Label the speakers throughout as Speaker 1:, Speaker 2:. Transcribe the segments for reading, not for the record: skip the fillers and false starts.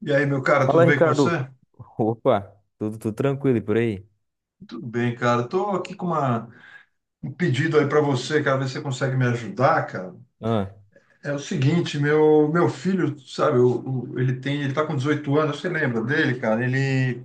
Speaker 1: E aí, meu cara, tudo
Speaker 2: Fala,
Speaker 1: bem com
Speaker 2: Ricardo.
Speaker 1: você?
Speaker 2: Opa, tudo tranquilo e por aí?
Speaker 1: Tudo bem, cara. Tô aqui com um pedido aí para você, cara, ver se você consegue me ajudar, cara.
Speaker 2: Ah,
Speaker 1: É o seguinte, meu filho, sabe, ele tem, ele tá com 18 anos, você lembra dele, cara? Ele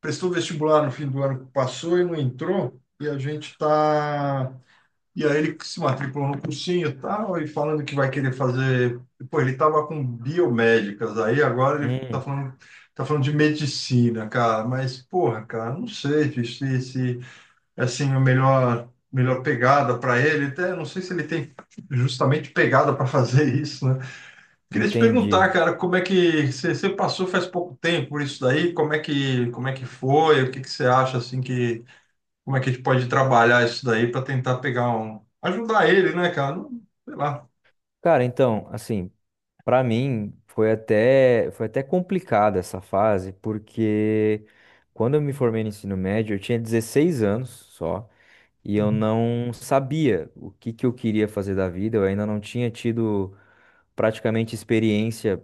Speaker 1: prestou vestibular no fim do ano que passou e não entrou, e a gente tá. E aí ele se matriculou no cursinho e tal, e falando que vai querer fazer. Pô, ele tava com biomédicas, aí agora ele
Speaker 2: hum,
Speaker 1: tá falando de medicina, cara. Mas, porra, cara, não sei bicho, se é assim, a melhor pegada para ele. Até não sei se ele tem justamente pegada para fazer isso, né? Queria te perguntar,
Speaker 2: entendi.
Speaker 1: cara, como é que você passou faz pouco tempo por isso daí? Como é que foi? O que que você acha assim que como é que a gente pode trabalhar isso daí para tentar pegar um, ajudar ele, né, cara? Não sei lá.
Speaker 2: Cara, então, assim, pra mim foi até complicada essa fase, porque quando eu me formei no ensino médio, eu tinha 16 anos só, e eu não sabia o que que eu queria fazer da vida, eu ainda não tinha tido praticamente experiência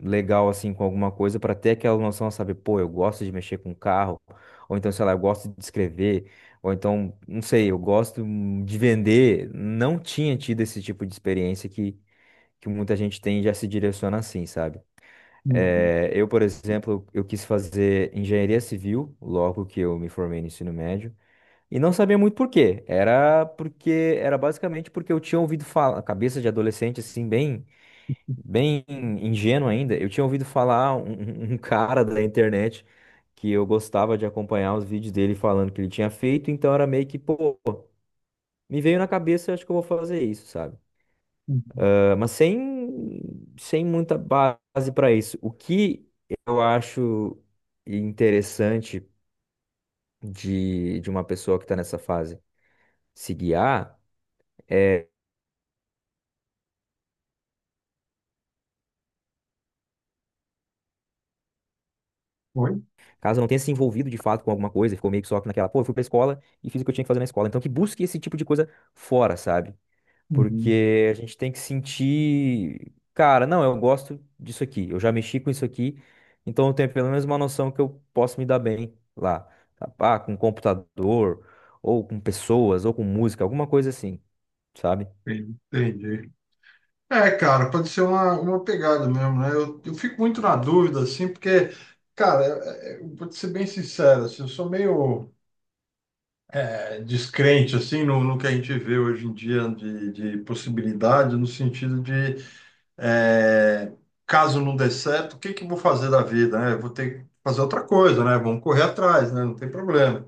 Speaker 2: legal assim com alguma coisa para ter aquela noção, sabe, pô, eu gosto de mexer com carro, ou então, sei lá, eu gosto de escrever, ou então, não sei, eu gosto de vender. Não tinha tido esse tipo de experiência que muita gente tem e já se direciona assim, sabe?
Speaker 1: Uhum,
Speaker 2: Eu, por exemplo, eu quis fazer engenharia civil logo que eu me formei no ensino médio. E não sabia muito por quê. Era porque era basicamente porque eu tinha ouvido falar, cabeça de adolescente assim, bem bem ingênuo ainda, eu tinha ouvido falar um cara da internet que eu gostava de acompanhar os vídeos dele falando que ele tinha feito, então era meio que, pô, me veio na cabeça, acho que eu vou fazer isso, sabe?
Speaker 1: uhum.
Speaker 2: Ah, mas sem muita base para isso. O que eu acho interessante de uma pessoa que está nessa fase se guiar é,
Speaker 1: Oi?
Speaker 2: caso não tenha se envolvido de fato com alguma coisa, ficou meio que só naquela, pô, eu fui pra escola e fiz o que eu tinha que fazer na escola. Então que busque esse tipo de coisa fora, sabe?
Speaker 1: Uhum.
Speaker 2: Porque a gente tem que sentir, cara, não, eu gosto disso aqui, eu já mexi com isso aqui, então eu tenho pelo menos uma noção que eu posso me dar bem lá, tá? Ah, com computador, ou com pessoas, ou com música, alguma coisa assim, sabe?
Speaker 1: Entendi, entendi. É, cara, pode ser uma pegada mesmo, né? Eu fico muito na dúvida, assim, porque, cara, eu vou te ser bem sincero, assim, eu sou meio é, descrente, assim, no que a gente vê hoje em dia de possibilidade, no sentido de é, caso não dê certo, o que que eu vou fazer da vida, né? Eu vou ter que fazer outra coisa, né? Vamos correr atrás, né? Não tem problema.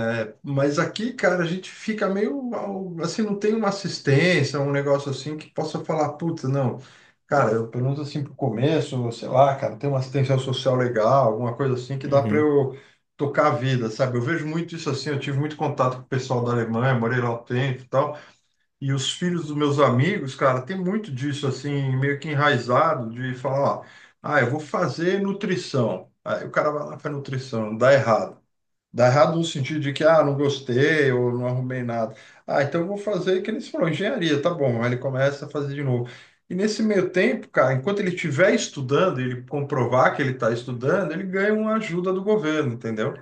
Speaker 1: É, mas aqui, cara, a gente fica meio assim, não tem uma assistência, um negócio assim que possa falar, puta, não. Cara, eu, pelo menos assim pro começo, sei lá, cara, tem uma assistência social legal, alguma coisa assim que dá para
Speaker 2: Uhum.
Speaker 1: eu tocar a vida, sabe? Eu vejo muito isso assim, eu tive muito contato com o pessoal da Alemanha, morei lá um tempo e tal. E os filhos dos meus amigos, cara, tem muito disso assim, meio que enraizado, de falar, ó, ah, eu vou fazer nutrição. Aí o cara vai lá e faz nutrição, dá errado. Dá errado no sentido de que, ah, não gostei ou não arrumei nada. Ah, então eu vou fazer, que eles falaram, engenharia, tá bom. Aí ele começa a fazer de novo. E nesse meio tempo, cara, enquanto ele estiver estudando, ele comprovar que ele está estudando, ele ganha uma ajuda do governo, entendeu?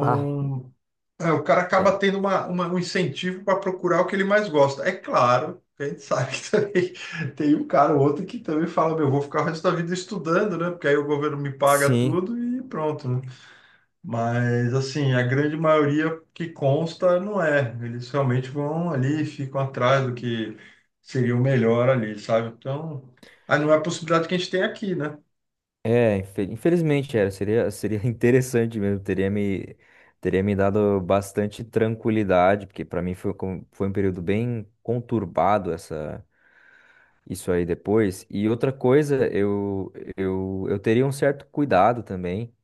Speaker 2: Ah,
Speaker 1: é, o cara acaba
Speaker 2: é,
Speaker 1: tendo uma, um incentivo para procurar o que ele mais gosta. É claro, a gente sabe que também tem um cara ou outro que também fala, meu, eu vou ficar o resto da vida estudando, né? Porque aí o governo me paga
Speaker 2: sim,
Speaker 1: tudo e pronto, né? Mas, assim, a grande maioria que consta não é. Eles realmente vão ali, ficam atrás do que seria o melhor ali, sabe? Então, aí não é a possibilidade que a gente tem aqui, né?
Speaker 2: é, infelizmente era, seria interessante mesmo, teria me dado bastante tranquilidade, porque para mim foi, com- foi um período bem conturbado essa. Isso aí depois. E outra coisa, eu teria um certo cuidado também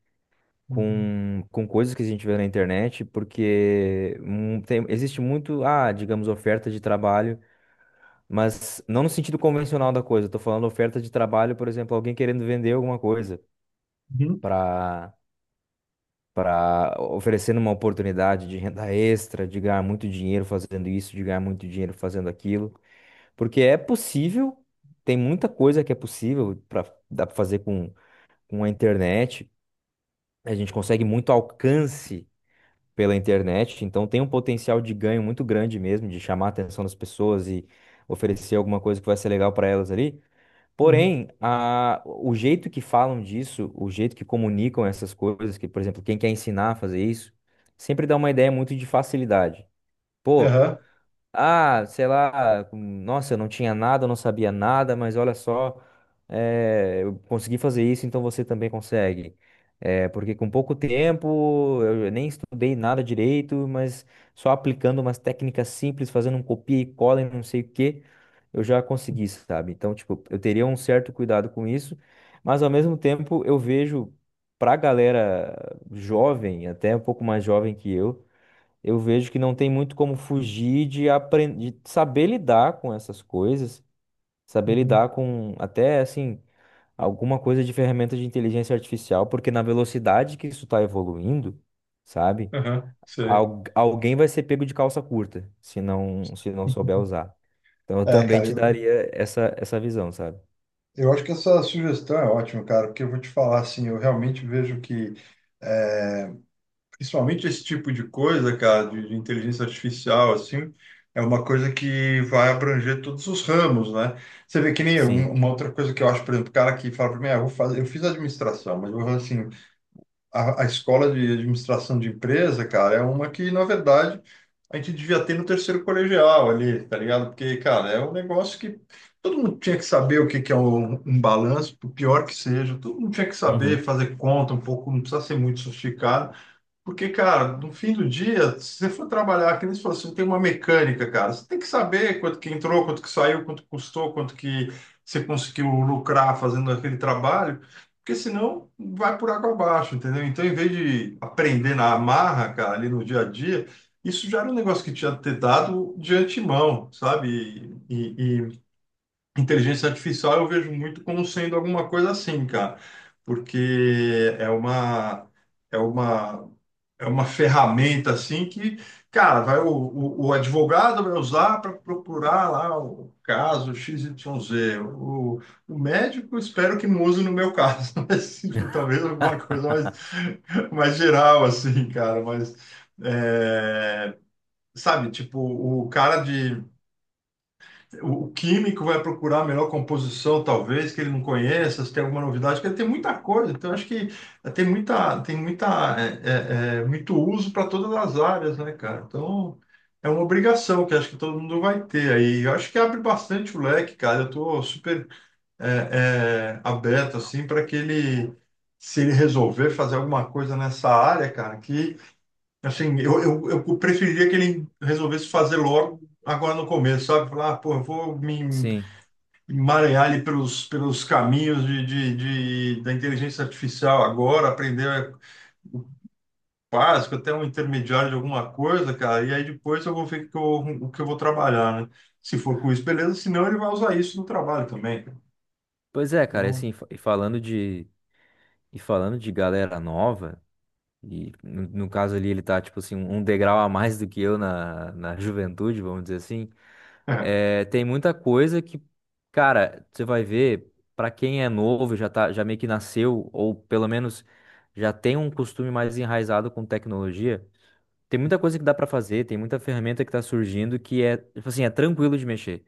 Speaker 1: Uhum,
Speaker 2: com coisas que a gente vê na internet, porque existe muito, ah, digamos, oferta de trabalho, mas não no sentido convencional da coisa. Eu tô falando oferta de trabalho, por exemplo, alguém querendo vender alguma coisa
Speaker 1: uhum,
Speaker 2: para oferecendo uma oportunidade de renda extra, de ganhar muito dinheiro fazendo isso, de ganhar muito dinheiro fazendo aquilo. Porque é possível, tem muita coisa que é possível para dá para fazer com a internet. A gente consegue muito alcance pela internet, então tem um potencial de ganho muito grande mesmo, de chamar a atenção das pessoas e oferecer alguma coisa que vai ser legal para elas ali.
Speaker 1: uhum,
Speaker 2: Porém, o jeito que falam disso, o jeito que comunicam essas coisas, que, por exemplo, quem quer ensinar a fazer isso, sempre dá uma ideia muito de facilidade. Pô,
Speaker 1: aham,
Speaker 2: ah, sei lá, nossa, eu não tinha nada, eu não sabia nada, mas olha só, eu consegui fazer isso, então você também consegue. Porque com pouco tempo, eu nem estudei nada direito, mas só aplicando umas técnicas simples, fazendo um copia e cola e não sei o quê, eu já consegui, sabe? Então, tipo, eu teria um certo cuidado com isso, mas ao mesmo tempo eu vejo pra galera jovem, até um pouco mais jovem que eu vejo que não tem muito como fugir de aprender, de saber lidar com essas coisas, saber
Speaker 1: uhum,
Speaker 2: lidar com até assim alguma coisa de ferramenta de inteligência artificial, porque na velocidade que isso está evoluindo, sabe?
Speaker 1: aham, sei.
Speaker 2: Alguém vai ser pego de calça curta se não souber usar. Então eu
Speaker 1: É,
Speaker 2: também
Speaker 1: cara,
Speaker 2: te
Speaker 1: eu,
Speaker 2: daria essa visão, sabe?
Speaker 1: Eu acho que essa sugestão é ótima, cara, porque eu vou te falar assim, eu realmente vejo que, principalmente esse tipo de coisa, cara, de inteligência artificial, assim, é uma coisa que vai abranger todos os ramos, né? Você vê que nem eu,
Speaker 2: Sim.
Speaker 1: uma outra coisa que eu acho, por exemplo, o cara que fala para mim, ah, eu vou fazer, eu fiz administração, mas eu vou assim, a escola de administração de empresa, cara, é uma que, na verdade, a gente devia ter no terceiro colegial ali, tá ligado? Porque, cara, é um negócio que todo mundo tinha que saber o que que é um, um balanço, por pior que seja, todo mundo tinha que saber
Speaker 2: Uhum.
Speaker 1: fazer conta um pouco, não precisa ser muito sofisticado. Porque, cara, no fim do dia, se você for trabalhar, que nem se fosse, tem uma mecânica, cara. Você tem que saber quanto que entrou, quanto que saiu, quanto custou, quanto que você conseguiu lucrar fazendo aquele trabalho, porque senão vai por água abaixo, entendeu? Então, em vez de aprender na amarra, cara, ali no dia a dia, isso já era um negócio que tinha que ter dado de antemão, sabe? E inteligência artificial eu vejo muito como sendo alguma coisa assim, cara, porque é uma. É uma É uma ferramenta assim que, cara, vai o advogado vai usar para procurar lá o caso XYZ O, o médico, espero que não use no meu caso, mas tipo, talvez alguma coisa mais, mais geral, assim, cara. Mas, é, sabe, tipo, o cara de o químico vai procurar a melhor composição, talvez, que ele não conheça, se tem alguma novidade, porque tem muita coisa. Então, acho que tem muita, muito uso para todas as áreas, né, cara? Então, é uma obrigação que acho que todo mundo vai ter aí. Eu acho que abre bastante o leque, cara. Eu estou super aberto, assim, para que ele, se ele resolver fazer alguma coisa nessa área, cara, que assim, eu preferiria que ele resolvesse fazer logo agora no começo, sabe? Falar, ah, pô, eu vou me
Speaker 2: Sim.
Speaker 1: emaranhar ali pelos, pelos caminhos de, da inteligência artificial agora, aprender básico, até um intermediário de alguma coisa, cara, e aí depois eu vou ver o que eu vou trabalhar, né? Se for com isso, beleza, senão ele vai usar isso no trabalho também, cara.
Speaker 2: Pois é, cara,
Speaker 1: Então,
Speaker 2: assim, e falando de galera nova. E no caso ali, ele tá, tipo assim, um degrau a mais do que eu na juventude, vamos dizer assim.
Speaker 1: é.
Speaker 2: É, tem muita coisa que, cara, você vai ver, pra quem é novo, já tá, já meio que nasceu, ou pelo menos já tem um costume mais enraizado com tecnologia, tem muita coisa que dá pra fazer, tem muita ferramenta que tá surgindo que é, tipo assim, é tranquilo de mexer.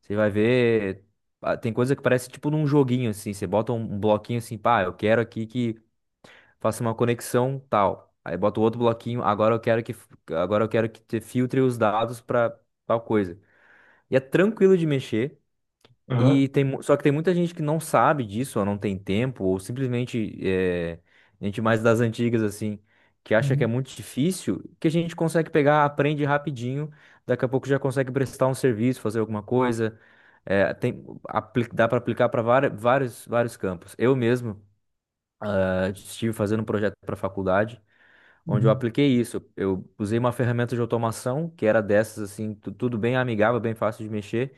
Speaker 2: Você vai ver, ah, tem coisa que parece tipo num joguinho, assim, você bota um bloquinho assim, pá, eu quero aqui que faça uma conexão tal. Aí bota o outro bloquinho, agora eu quero que te filtre os dados para tal coisa. E é tranquilo de mexer
Speaker 1: Aham.
Speaker 2: e só que tem muita gente que não sabe disso, ou não tem tempo, ou simplesmente é, gente mais das antigas assim, que acha que é
Speaker 1: Uhum.
Speaker 2: muito difícil, que a gente consegue pegar, aprende rapidinho, daqui a pouco já consegue prestar um serviço, fazer alguma coisa. É, tem, dá para aplicar para vários, vários campos. Eu mesmo, estive fazendo um projeto para faculdade onde eu
Speaker 1: Uhum.
Speaker 2: apliquei isso. Eu usei uma ferramenta de automação que era dessas assim, tudo bem amigável, bem fácil de mexer,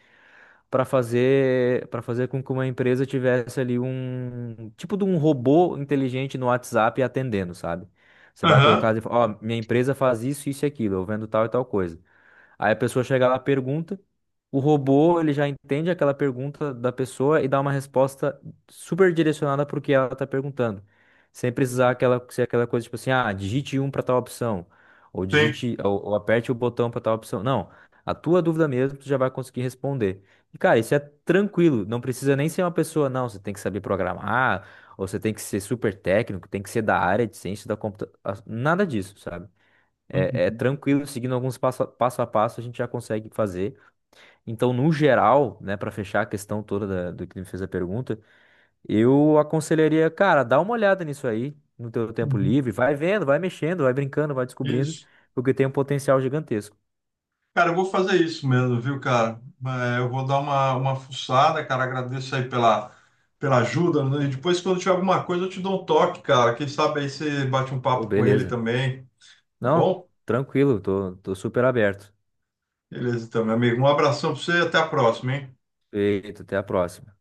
Speaker 2: para fazer com que uma empresa tivesse ali um tipo de um robô inteligente no WhatsApp atendendo, sabe? Você vai colocar,
Speaker 1: Aham.
Speaker 2: as ó, minha empresa faz isso, isso e aquilo, eu vendo tal e tal coisa. Aí a pessoa chega lá, pergunta, o robô ele já entende aquela pergunta da pessoa e dá uma resposta super direcionada para o que ela está perguntando. Sem precisar aquela, ser aquela coisa tipo assim, ah, digite um para tal opção, ou
Speaker 1: Sim.
Speaker 2: digite, ou aperte o botão para tal opção. Não, a tua dúvida mesmo, tu já vai conseguir responder. E cara, isso é tranquilo, não precisa nem ser uma pessoa, não, você tem que saber programar, ou você tem que ser super técnico, tem que ser da área de ciência da computação, nada disso, sabe? É, é
Speaker 1: Uhum.
Speaker 2: tranquilo, seguindo alguns passo a passo, a gente já consegue fazer. Então, no geral, né, para fechar a questão toda da- do que me fez a pergunta, eu aconselharia, cara, dá uma olhada nisso aí, no teu tempo
Speaker 1: Uhum.
Speaker 2: livre, vai vendo, vai mexendo, vai brincando, vai descobrindo,
Speaker 1: Isso.
Speaker 2: porque tem um potencial gigantesco.
Speaker 1: Cara, eu vou fazer isso mesmo, viu, cara? É, eu vou dar uma fuçada, cara. Agradeço aí pela, pela ajuda, né? E depois, quando tiver alguma coisa, eu te dou um toque, cara. Quem sabe aí você bate um
Speaker 2: Pô,
Speaker 1: papo com ele
Speaker 2: beleza.
Speaker 1: também, tá
Speaker 2: Não,
Speaker 1: bom?
Speaker 2: tranquilo, tô super aberto.
Speaker 1: Beleza, então, meu amigo. Um abração pra você e até a próxima, hein?
Speaker 2: Feito, até a próxima.